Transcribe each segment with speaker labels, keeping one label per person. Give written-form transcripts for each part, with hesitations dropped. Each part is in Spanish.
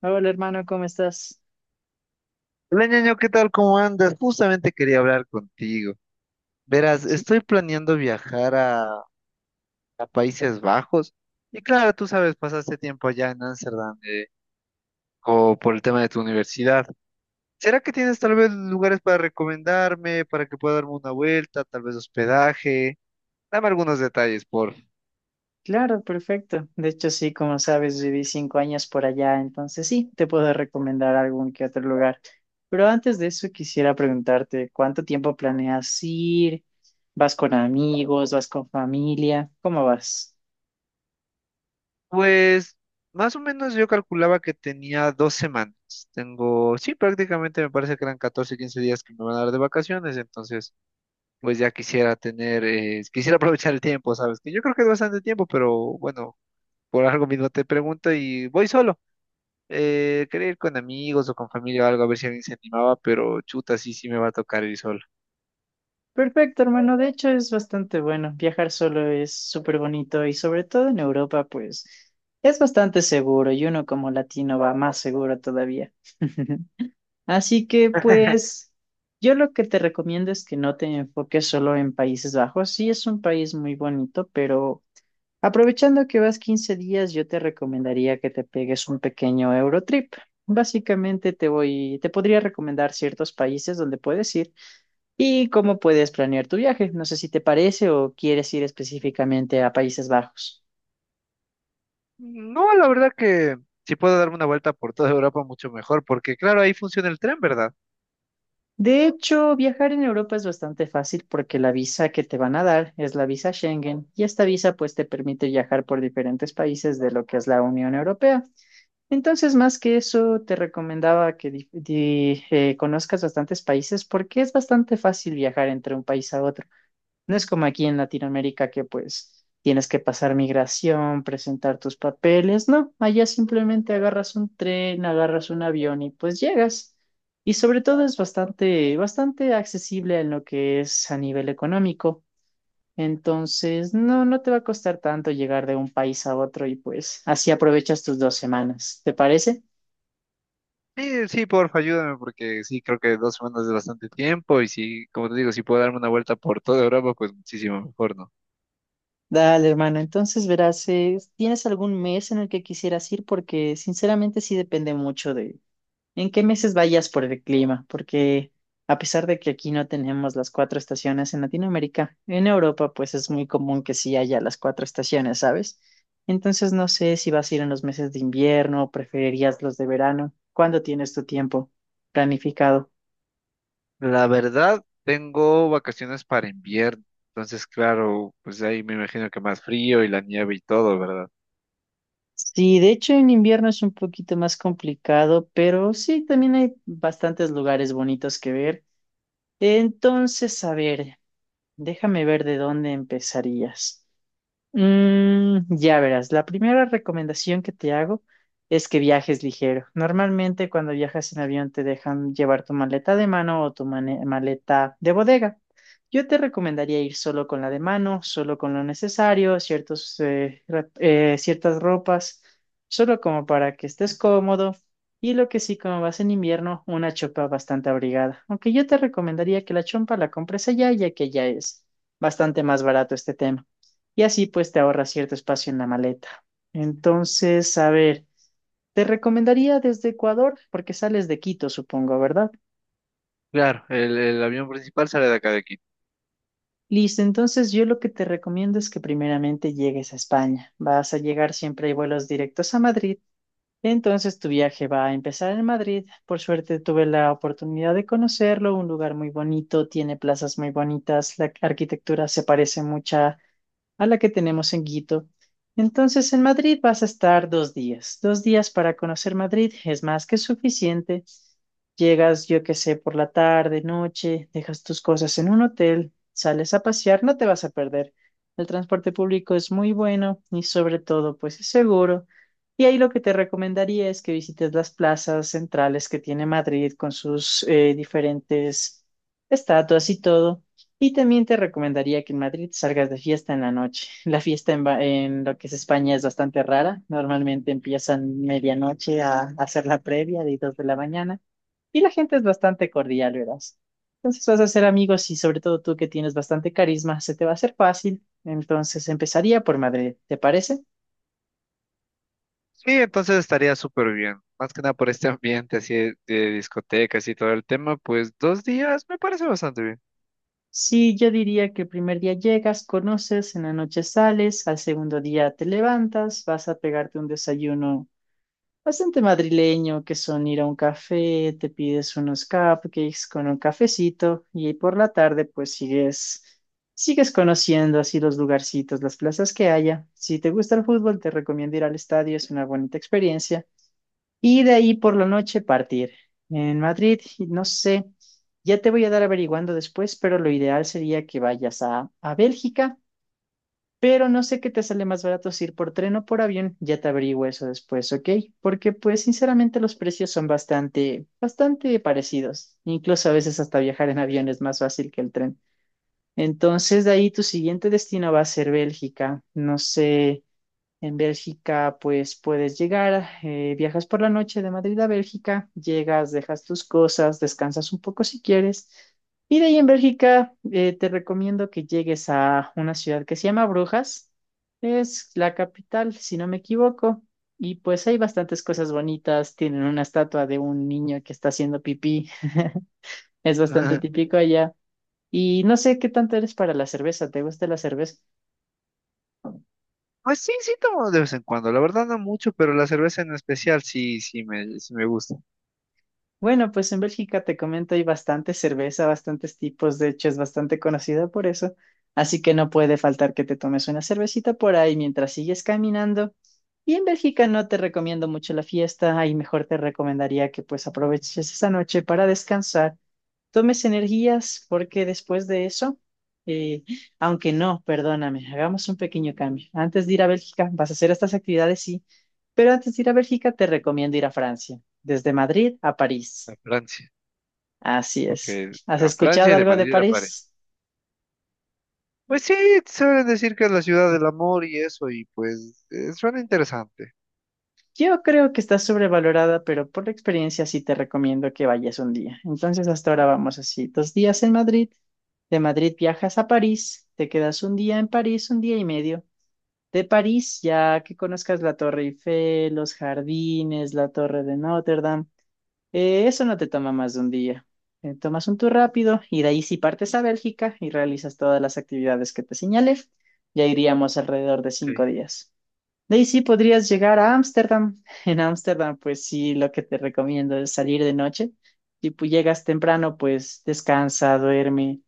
Speaker 1: Hola hermano, ¿cómo estás?
Speaker 2: Hola, ñaño, ¿qué tal? ¿Cómo andas? Justamente quería hablar contigo. Verás,
Speaker 1: Sí,
Speaker 2: estoy planeando viajar a Países Bajos. Y claro, tú sabes, pasaste tiempo allá en Ámsterdam, por el tema de tu universidad. ¿Será que tienes tal vez lugares para recomendarme, para que pueda darme una vuelta, tal vez hospedaje? Dame algunos detalles, por favor.
Speaker 1: claro, perfecto. De hecho, sí, como sabes, viví 5 años por allá, entonces sí, te puedo recomendar algún que otro lugar. Pero antes de eso, quisiera preguntarte, ¿cuánto tiempo planeas ir? ¿Vas con amigos? ¿Vas con familia? ¿Cómo vas?
Speaker 2: Pues, más o menos yo calculaba que tenía 2 semanas. Tengo, sí, prácticamente me parece que eran 14, 15 días que me van a dar de vacaciones, entonces pues ya quisiera tener, quisiera aprovechar el tiempo, ¿sabes? Que yo creo que es bastante tiempo, pero bueno, por algo mismo te pregunto y voy solo. Quería ir con amigos o con familia o algo, a ver si alguien se animaba, pero chuta, sí, sí me va a tocar ir solo.
Speaker 1: Perfecto, hermano. De hecho, es bastante bueno. Viajar solo es súper bonito y sobre todo en Europa, pues es bastante seguro y uno como latino va más seguro todavía. Así que pues yo lo que te recomiendo es que no te enfoques solo en Países Bajos. Sí, es un país muy bonito, pero aprovechando que vas 15 días, yo te recomendaría que te pegues un pequeño Eurotrip. Básicamente te voy, te podría recomendar ciertos países donde puedes ir y cómo puedes planear tu viaje. No sé si te parece o quieres ir específicamente a Países Bajos.
Speaker 2: No, la verdad que si puedo darme una vuelta por toda Europa, mucho mejor, porque claro, ahí funciona el tren, ¿verdad?
Speaker 1: De hecho, viajar en Europa es bastante fácil porque la visa que te van a dar es la visa Schengen y esta visa pues te permite viajar por diferentes países de lo que es la Unión Europea. Entonces, más que eso, te recomendaba que conozcas bastantes países porque es bastante fácil viajar entre un país a otro. No es como aquí en Latinoamérica que pues tienes que pasar migración, presentar tus papeles, no, allá simplemente agarras un tren, agarras un avión y pues llegas. Y sobre todo es bastante, bastante accesible en lo que es a nivel económico. Entonces, no, no te va a costar tanto llegar de un país a otro y pues así aprovechas tus 2 semanas. ¿Te parece?
Speaker 2: Sí, sí, porfa, ayúdame, porque sí, creo que 2 semanas es bastante tiempo y sí, como te digo, si puedo darme una vuelta por toda Europa, pues muchísimo mejor, ¿no?
Speaker 1: Dale, hermano. Entonces, verás, ¿tienes algún mes en el que quisieras ir? Porque sinceramente sí depende mucho de en qué meses vayas por el clima, porque a pesar de que aquí no tenemos las cuatro estaciones en Latinoamérica, en Europa pues es muy común que sí haya las cuatro estaciones, ¿sabes? Entonces no sé si vas a ir en los meses de invierno o preferirías los de verano. ¿Cuándo tienes tu tiempo planificado?
Speaker 2: La verdad, tengo vacaciones para invierno, entonces claro, pues ahí me imagino que más frío y la nieve y todo, ¿verdad?
Speaker 1: Sí, de hecho en invierno es un poquito más complicado, pero sí, también hay bastantes lugares bonitos que ver. Entonces, a ver, déjame ver de dónde empezarías. Ya verás, la primera recomendación que te hago es que viajes ligero. Normalmente cuando viajas en avión te dejan llevar tu maleta de mano o tu maleta de bodega. Yo te recomendaría ir solo con la de mano, solo con lo necesario, ciertas ropas, solo como para que estés cómodo. Y lo que sí, como vas en invierno, una chompa bastante abrigada. Aunque yo te recomendaría que la chompa la compres allá, ya que ya es bastante más barato este tema y así pues te ahorras cierto espacio en la maleta. Entonces, a ver, te recomendaría desde Ecuador, porque sales de Quito, supongo, ¿verdad?
Speaker 2: Claro, el avión principal sale de acá de Quito.
Speaker 1: Listo, entonces yo lo que te recomiendo es que primeramente llegues a España. Vas a llegar siempre hay vuelos directos a Madrid. Entonces tu viaje va a empezar en Madrid. Por suerte tuve la oportunidad de conocerlo, un lugar muy bonito, tiene plazas muy bonitas, la arquitectura se parece mucha a la que tenemos en Quito. Entonces, en Madrid vas a estar 2 días. 2 días para conocer Madrid es más que suficiente. Llegas, yo qué sé, por la tarde, noche, dejas tus cosas en un hotel, sales a pasear, no te vas a perder. El transporte público es muy bueno y sobre todo, pues es seguro. Y ahí lo que te recomendaría es que visites las plazas centrales que tiene Madrid con sus diferentes estatuas y todo. Y también te recomendaría que en Madrid salgas de fiesta en la noche. La fiesta en lo que es España es bastante rara. Normalmente empiezan medianoche a hacer la previa de 2 de la mañana y la gente es bastante cordial, verás. Entonces vas a ser amigos y sobre todo tú que tienes bastante carisma, se te va a hacer fácil. Entonces empezaría por Madrid, ¿te parece?
Speaker 2: Sí, entonces estaría súper bien, más que nada por este ambiente así de discotecas y todo el tema, pues 2 días me parece bastante bien.
Speaker 1: Sí, yo diría que el primer día llegas, conoces, en la noche sales, al segundo día te levantas, vas a pegarte un desayuno bastante madrileño, que son ir a un café, te pides unos cupcakes con un cafecito y ahí por la tarde pues sigues, sigues conociendo así los lugarcitos, las plazas que haya. Si te gusta el fútbol, te recomiendo ir al estadio, es una bonita experiencia. Y de ahí por la noche partir. En Madrid, y no sé, ya te voy a dar averiguando después, pero lo ideal sería que vayas a Bélgica pero no sé qué te sale más barato si ir por tren o por avión, ya te averiguo eso después, ¿ok? Porque pues sinceramente los precios son bastante, bastante parecidos. Incluso a veces hasta viajar en avión es más fácil que el tren. Entonces de ahí tu siguiente destino va a ser Bélgica. No sé, en Bélgica, pues puedes llegar, viajas por la noche de Madrid a Bélgica, llegas, dejas tus cosas, descansas un poco si quieres. Y de ahí en Bélgica, te recomiendo que llegues a una ciudad que se llama Brujas. Es la capital, si no me equivoco. Y pues hay bastantes cosas bonitas. Tienen una estatua de un niño que está haciendo pipí. Es bastante
Speaker 2: Ajá.
Speaker 1: típico allá. Y no sé qué tanto eres para la cerveza. ¿Te gusta la cerveza?
Speaker 2: Pues sí, sí tomo de vez en cuando, la verdad no mucho, pero la cerveza en especial sí, sí me gusta.
Speaker 1: Bueno, pues en Bélgica te comento, hay bastante cerveza, bastantes tipos, de hecho es bastante conocida por eso, así que no puede faltar que te tomes una cervecita por ahí mientras sigues caminando. Y en Bélgica no te recomiendo mucho la fiesta, ahí mejor te recomendaría que pues aproveches esa noche para descansar, tomes energías, porque después de eso, eh, aunque no, perdóname, hagamos un pequeño cambio. Antes de ir a Bélgica, vas a hacer estas actividades, sí, pero antes de ir a Bélgica te recomiendo ir a Francia, desde Madrid a
Speaker 2: A
Speaker 1: París.
Speaker 2: Francia,
Speaker 1: Así
Speaker 2: ok,
Speaker 1: es. ¿Has
Speaker 2: a Francia
Speaker 1: escuchado
Speaker 2: y de
Speaker 1: algo de
Speaker 2: Madrid a
Speaker 1: París?
Speaker 2: París. Pues sí, suelen decir que es la ciudad del amor y eso, y pues suena interesante.
Speaker 1: Yo creo que está sobrevalorada, pero por la experiencia sí te recomiendo que vayas un día. Entonces, hasta ahora vamos así, 2 días en Madrid, de Madrid viajas a París, te quedas un día en París, un día y medio. De París, ya que conozcas la Torre Eiffel, los jardines, la Torre de Notre Dame, eso no te toma más de un día. Tomas un tour rápido y de ahí sí partes a Bélgica y realizas todas las actividades que te señalé, ya iríamos alrededor de cinco
Speaker 2: Ok.
Speaker 1: días. De ahí sí podrías llegar a Ámsterdam. En Ámsterdam, pues sí, lo que te recomiendo es salir de noche. Si llegas temprano, pues descansa, duerme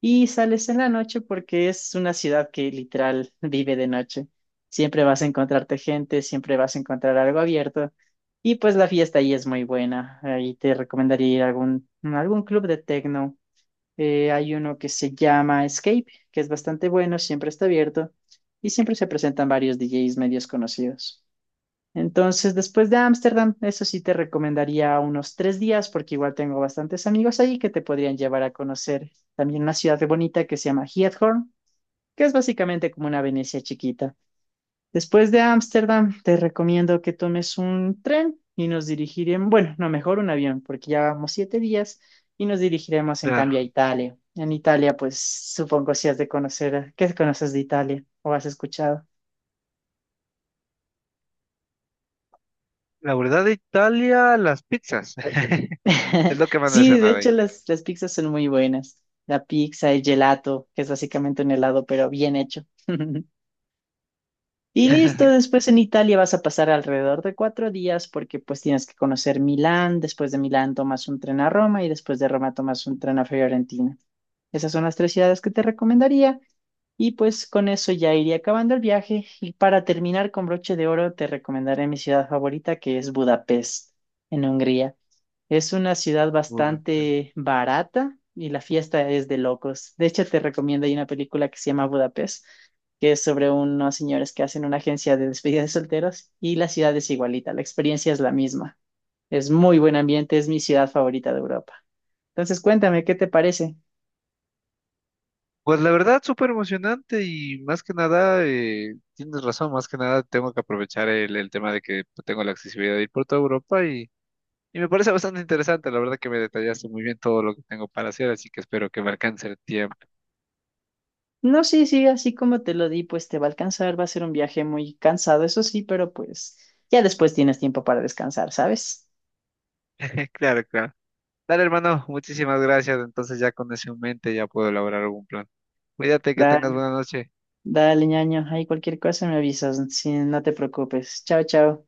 Speaker 1: y sales en la noche porque es una ciudad que literal vive de noche. Siempre vas a encontrarte gente, siempre vas a encontrar algo abierto y pues la fiesta ahí es muy buena. Ahí te recomendaría ir a algún club de techno hay uno que se llama Escape, que es bastante bueno, siempre está abierto y siempre se presentan varios DJs medios conocidos. Entonces, después de Ámsterdam, eso sí te recomendaría unos 3 días, porque igual tengo bastantes amigos ahí que te podrían llevar a conocer también una ciudad bonita que se llama Giethoorn, que es básicamente como una Venecia chiquita. Después de Ámsterdam, te recomiendo que tomes un tren y nos dirigiremos, bueno, no, mejor un avión, porque ya vamos 7 días y nos dirigiremos en cambio a
Speaker 2: Claro.
Speaker 1: Italia. En Italia, pues supongo si has de conocer, ¿qué conoces de Italia o has escuchado?
Speaker 2: La verdad de Italia, las pizzas. Es lo que más me
Speaker 1: Sí, de
Speaker 2: suena de ahí.
Speaker 1: hecho las pizzas son muy buenas. La pizza, el gelato, que es básicamente un helado, pero bien hecho. Y listo, después en Italia vas a pasar alrededor de 4 días porque pues tienes que conocer Milán, después de Milán tomas un tren a Roma y después de Roma tomas un tren a Fiorentina. Esas son las tres ciudades que te recomendaría y pues con eso ya iría acabando el viaje y para terminar con broche de oro te recomendaré mi ciudad favorita que es Budapest en Hungría. Es una ciudad
Speaker 2: Puta, sí.
Speaker 1: bastante barata y la fiesta es de locos. De hecho, te recomiendo, hay una película que se llama Budapest, que es sobre unos señores que hacen una agencia de despedida de solteros y la ciudad es igualita, la experiencia es la misma. Es muy buen ambiente, es mi ciudad favorita de Europa. Entonces, cuéntame, ¿qué te parece?
Speaker 2: Pues la verdad, súper emocionante y más que nada, tienes razón, más que nada tengo que aprovechar el tema de que pues, tengo la accesibilidad de ir por toda Europa y me parece bastante interesante, la verdad que me detallaste muy bien todo lo que tengo para hacer, así que espero que me alcance el tiempo.
Speaker 1: No, sí, sí, así como te lo di, pues te va a alcanzar, va a ser un viaje muy cansado, eso sí, pero pues ya después tienes tiempo para descansar, ¿sabes?
Speaker 2: Claro, claro. Dale, hermano, muchísimas gracias. Entonces ya con eso en mente ya puedo elaborar algún plan. Cuídate, que
Speaker 1: La,
Speaker 2: tengas buena noche.
Speaker 1: Dale, ñaño, hay cualquier cosa me avisas, si no te preocupes. Chao, chao.